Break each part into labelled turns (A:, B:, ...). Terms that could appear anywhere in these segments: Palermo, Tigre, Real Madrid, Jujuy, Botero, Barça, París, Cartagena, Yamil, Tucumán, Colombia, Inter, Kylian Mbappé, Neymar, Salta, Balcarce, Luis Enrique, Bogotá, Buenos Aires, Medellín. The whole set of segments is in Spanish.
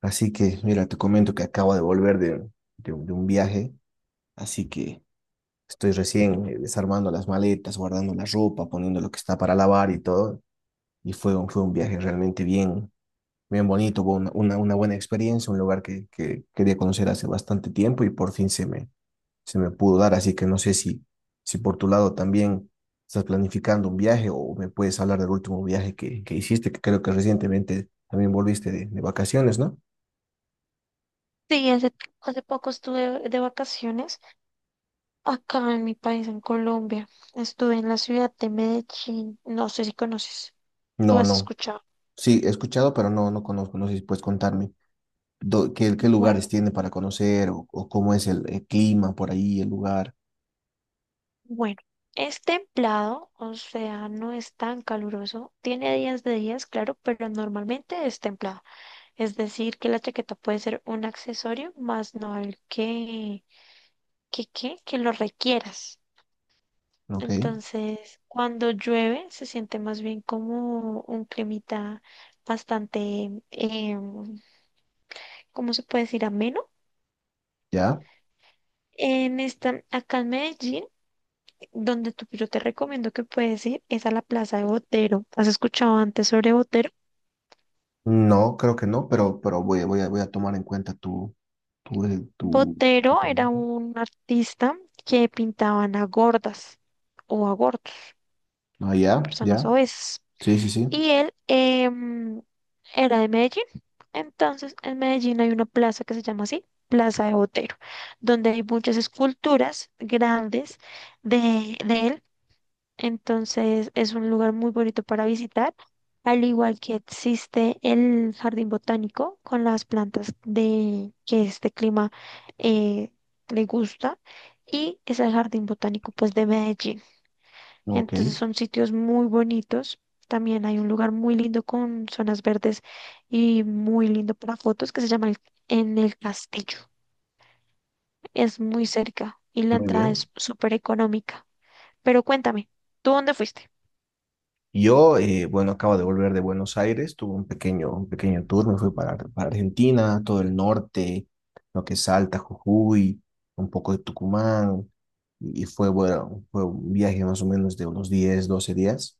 A: Así que, mira, te comento que acabo de volver de, de un viaje, así que estoy recién desarmando las maletas, guardando la ropa, poniendo lo que está para lavar y todo. Y fue un viaje realmente bien, bien bonito, fue una buena experiencia, un lugar que quería conocer hace bastante tiempo y por fin se me pudo dar. Así que no sé si por tu lado también estás planificando un viaje o me puedes hablar del último viaje que hiciste, que creo que recientemente también volviste de vacaciones, ¿no?
B: Sí, hace poco estuve de vacaciones acá en mi país, en Colombia. Estuve en la ciudad de Medellín. ¿No sé si conoces o
A: No,
B: has
A: no.
B: escuchado?
A: Sí, he escuchado, pero no, no conozco. No sé si puedes contarme qué, qué lugares
B: Bueno,
A: tiene para conocer o cómo es el clima por ahí, el lugar.
B: bueno. Es templado, o sea, no es tan caluroso. Tiene días de días, claro, pero normalmente es templado. Es decir, que la chaqueta puede ser un accesorio, más no el que lo requieras.
A: Ok,
B: Entonces, cuando llueve, se siente más bien como un climita bastante, ¿cómo se puede decir? Ameno.
A: ya.
B: En esta, acá en Medellín, donde tú, yo te recomiendo que puedes ir, es a la Plaza de Botero. ¿Has escuchado antes sobre Botero?
A: No, creo que no, pero voy a tomar en cuenta tu, eh, tu, tu
B: Botero era
A: comentario.
B: un artista que pintaban a gordas o a gordos,
A: Ah, ya, ya.
B: personas obesas.
A: Sí, sí, sí.
B: Y él era de Medellín. Entonces, en Medellín hay una plaza que se llama así, Plaza de Botero, donde hay muchas esculturas grandes de él. Entonces, es un lugar muy bonito para visitar, al igual que existe el jardín botánico con las plantas de que este clima eh, le gusta. Y es el jardín botánico pues de Medellín.
A: Ok,
B: Entonces son sitios muy bonitos. También hay un lugar muy lindo con zonas verdes y muy lindo para fotos que se llama En el Castillo. Es muy cerca y la
A: muy
B: entrada es
A: bien.
B: súper económica. Pero cuéntame, ¿tú dónde fuiste?
A: Yo, bueno, acabo de volver de Buenos Aires, tuve un pequeño tour, me fui para Argentina, todo el norte, lo que es Salta, Jujuy, un poco de Tucumán, y fue, bueno, fue un viaje más o menos de unos 10 12 días,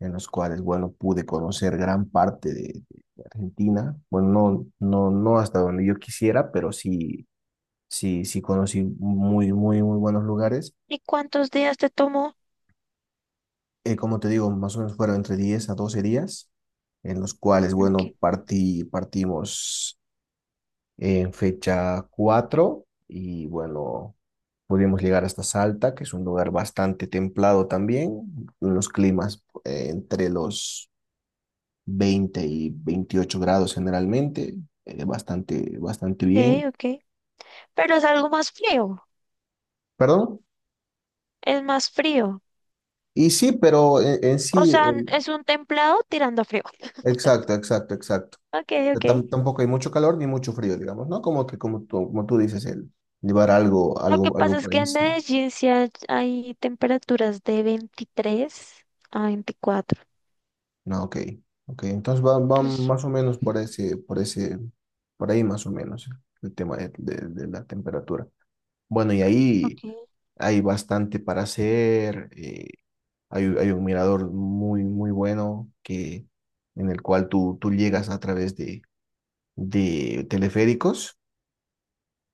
A: en los cuales, bueno, pude conocer gran parte de Argentina, bueno, no, no, no hasta donde yo quisiera, pero sí, sí, sí conocí muy, muy, muy buenos lugares.
B: ¿Y cuántos días te tomó?
A: Como te digo, más o menos fueron entre 10 a 12 días, en los cuales,
B: Ok,
A: bueno, partí, partimos en fecha 4 y, bueno, pudimos llegar hasta Salta, que es un lugar bastante templado también, unos climas entre los 20 y 28 grados generalmente, eh, bastante bien.
B: ok. Pero es algo más frío,
A: ¿Perdón?
B: es más frío.
A: Y sí, pero en
B: O
A: sí,
B: sea, es un templado tirando a frío.
A: exacto, exacto, exacto.
B: Ok, ok.
A: Tampoco hay mucho calor ni mucho frío, digamos, ¿no? Como que, como tú dices, el llevar algo,
B: Lo que
A: algo
B: pasa es
A: por
B: que en
A: encima.
B: Medellín sí hay temperaturas de 23 a 24.
A: No, ok, ok. Entonces va
B: Pues,
A: más o menos por ese, por ese, por ahí más o menos el tema de la temperatura. Bueno, y ahí
B: ok,
A: hay bastante para hacer. Hay, hay un mirador muy, muy bueno que, en el cual tú llegas a través de teleféricos.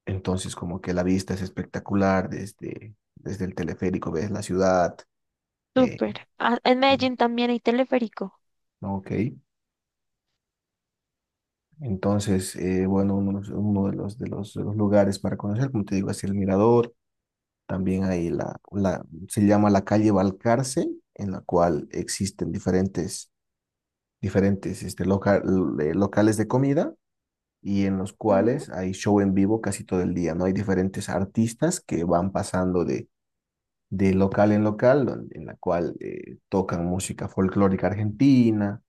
A: Entonces, como que la vista es espectacular desde, desde el teleférico, ves la ciudad. eh,
B: súper. Ah, en Medellín también hay teleférico.
A: ok. Entonces, bueno, uno de los, de los- de los lugares para conocer, como te digo, es el Mirador. También se llama la calle Balcarce, en la cual existen diferentes locales de comida y en los
B: Mm,
A: cuales hay show en vivo casi todo el día, ¿no? Hay diferentes artistas que van pasando de local en local, en la cual tocan música folclórica argentina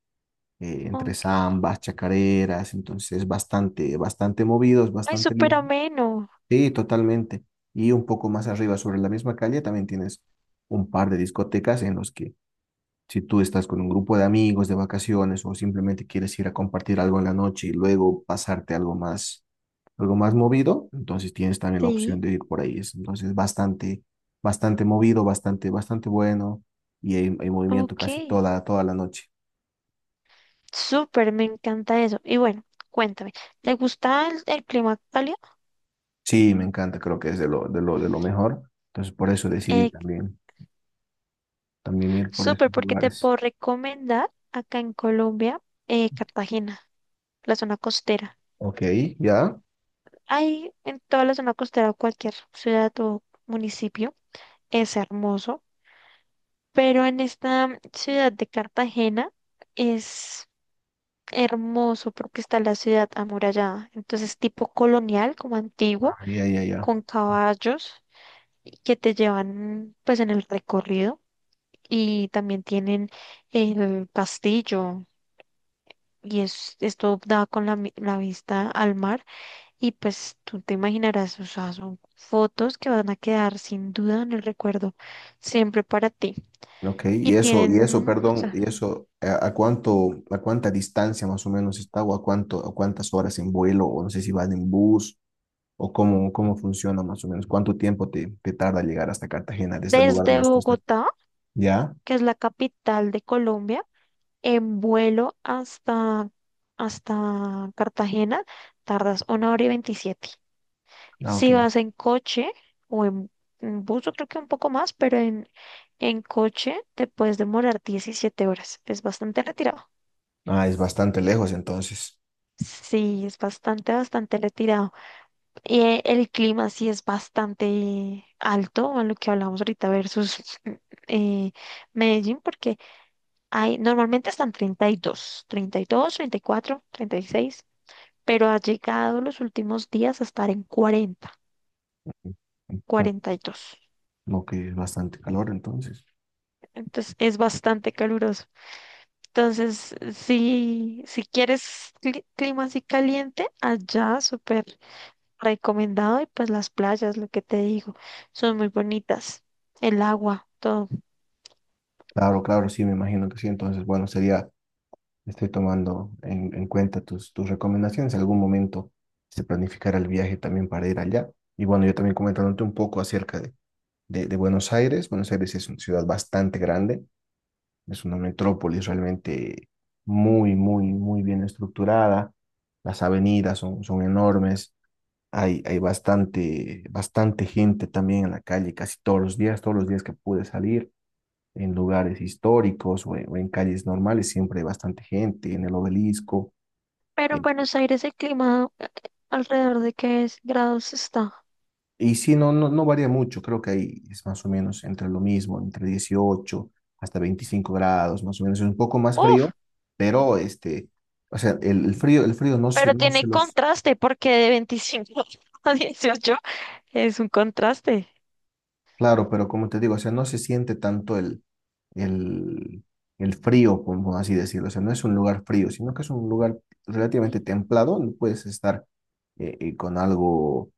A: entre
B: ok.
A: zambas, chacareras, entonces bastante, bastante movidos,
B: Ay,
A: bastante
B: súper
A: lindo.
B: ameno.
A: Sí, totalmente. Y un poco más arriba sobre la misma calle también tienes un par de discotecas en los que si tú estás con un grupo de amigos de vacaciones o simplemente quieres ir a compartir algo en la noche y luego pasarte algo más movido, entonces tienes también la opción
B: Sí,
A: de ir por ahí. Es entonces bastante, bastante movido, bastante, bastante bueno y hay movimiento
B: ok.
A: casi toda, toda la noche.
B: Súper, me encanta eso. Y bueno, cuéntame, ¿te gusta el clima cálido?
A: Sí, me encanta, creo que es de lo mejor. Entonces, por eso decidí
B: Eh,
A: también, también ir por esos
B: Súper, porque te
A: lugares.
B: puedo recomendar acá en Colombia, Cartagena, la zona costera.
A: Ok, ya,
B: Hay en toda la zona costera, cualquier ciudad o municipio, es hermoso, pero en esta ciudad de Cartagena es hermoso porque está la ciudad amurallada, entonces tipo colonial, como
A: Ah,
B: antiguo,
A: ya, ya, ya.
B: con caballos y que te llevan pues en el recorrido, y también tienen el castillo y es, esto da con la vista al mar, y pues tú te imaginarás, o sea, son fotos que van a quedar sin duda en el recuerdo siempre para ti.
A: Ok,
B: Y tienen, o
A: perdón, y
B: sea,
A: eso, a cuánto, a cuánta distancia más o menos está o a cuánto, a cuántas horas en vuelo o no sé si van en bus o cómo, cómo funciona más o menos? ¿Cuánto tiempo te tarda llegar hasta Cartagena desde el lugar
B: desde
A: donde tú estás?
B: Bogotá,
A: ¿Ya?
B: que es la capital de Colombia, en vuelo hasta Cartagena, tardas una hora y 27.
A: Ah, ok.
B: Si vas en coche o en bus, yo creo que un poco más, pero en coche te puedes demorar 17 horas. Es bastante retirado.
A: Ah, es bastante lejos entonces.
B: Sí, es bastante, bastante retirado. Y el clima sí es bastante alto, a lo que hablamos ahorita versus eh, Medellín, porque hay, normalmente están 30, 30, 30 y dos, cuatro, 36, pero ha llegado los últimos días a estar en 40,
A: Mm, mm, mm,
B: 42.
A: Ok, es bastante calor entonces.
B: Entonces es bastante caluroso. Entonces, si quieres clima así caliente, allá súper recomendado, y pues las playas, lo que te digo, son muy bonitas, el agua, todo.
A: Claro, claro, sí, me imagino que sí. Entonces, bueno, sería, estoy tomando en cuenta tus, tus recomendaciones. En algún momento se planificará el viaje también para ir allá. Y bueno, yo también comentándote un poco acerca de, de Buenos Aires. Buenos Aires es una ciudad bastante grande, es una metrópolis realmente muy, muy, muy bien estructurada. Las avenidas son, son enormes. Hay bastante, bastante gente también en la calle casi todos los días que pude salir en lugares históricos o en calles normales, siempre hay bastante gente, en el obelisco.
B: Pero en
A: eh,
B: Buenos Aires el clima alrededor de qué grados está.
A: y sí, no, no, no varía mucho, creo que ahí es más o menos entre lo mismo, entre 18 hasta 25 grados, más o menos, es un poco más
B: Uf,
A: frío, pero este, o sea, el frío no se,
B: pero tiene contraste porque de 25 a 18 es un contraste.
A: claro, pero como te digo, o sea, no se siente tanto el, el frío, como así decirlo, o sea, no es un lugar frío, sino que es un lugar relativamente
B: Sí.
A: templado, donde puedes estar eh, eh, con algo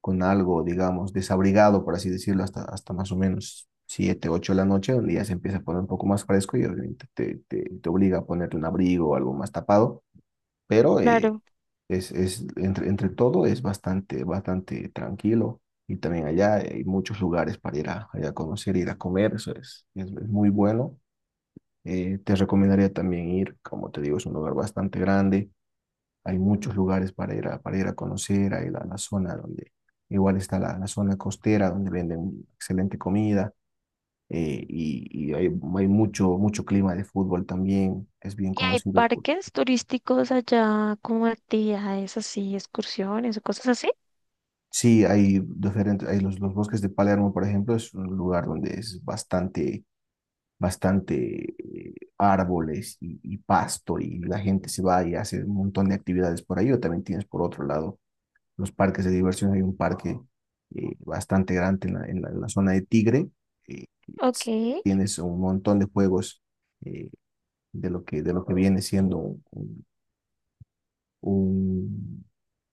A: con algo, digamos, desabrigado, por así decirlo, hasta, hasta más o menos 7, 8 de la noche, donde ya se empieza a poner un poco más fresco y obviamente te, te obliga a ponerte un abrigo o algo más tapado, pero
B: Claro.
A: es, entre, entre todo es bastante, bastante tranquilo y también allá hay muchos lugares para ir a, ir a conocer, ir a comer, eso es muy bueno. Te recomendaría también ir, como te digo, es un lugar bastante grande, hay muchos lugares para ir a conocer, hay la zona donde igual está la, la zona costera donde venden excelente comida y hay mucho, mucho clima de fútbol también, es bien
B: ¿Y hay
A: conocido.
B: parques turísticos allá como actividades así, excursiones o cosas así?
A: Sí, hay diferentes, los bosques de Palermo, por ejemplo, es un lugar donde es bastante, bastante árboles y pasto y la gente se va y hace un montón de actividades por ahí o también tienes por otro lado los parques de diversión. Hay un parque bastante grande en en la zona de Tigre. eh, que
B: Ok.
A: es-
B: Sí,
A: Tienes un montón de juegos eh, de lo que viene siendo un-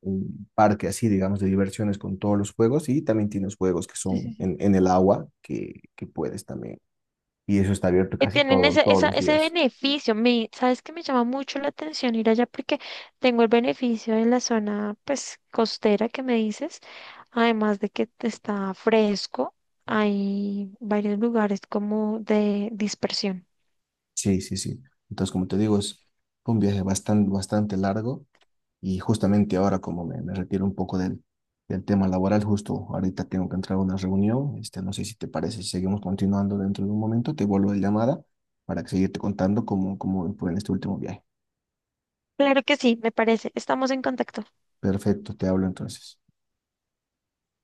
A: un parque así, digamos, de diversiones con todos los juegos y también tienes juegos que
B: sí,
A: son
B: sí.
A: en el agua que puedes también. Y eso está abierto
B: Eh,
A: casi
B: tienen
A: todo,
B: ese,
A: todos los
B: ese
A: días.
B: beneficio. ¿Sabes que me llama mucho la atención ir allá porque tengo el beneficio de la zona, pues, costera que me dices, además de que está fresco, hay varios lugares como de dispersión?
A: Sí, sí, sí. Entonces, como te digo, es un viaje bastante, bastante largo. Y justamente ahora, como me retiro un poco del tema laboral, justo ahorita tengo que entrar a una reunión. Este, no sé si te parece, si seguimos continuando dentro de un momento, te vuelvo la llamada para que seguirte contando cómo, cómo fue en este último viaje.
B: Claro que sí, me parece. Estamos en contacto.
A: Perfecto, te hablo entonces.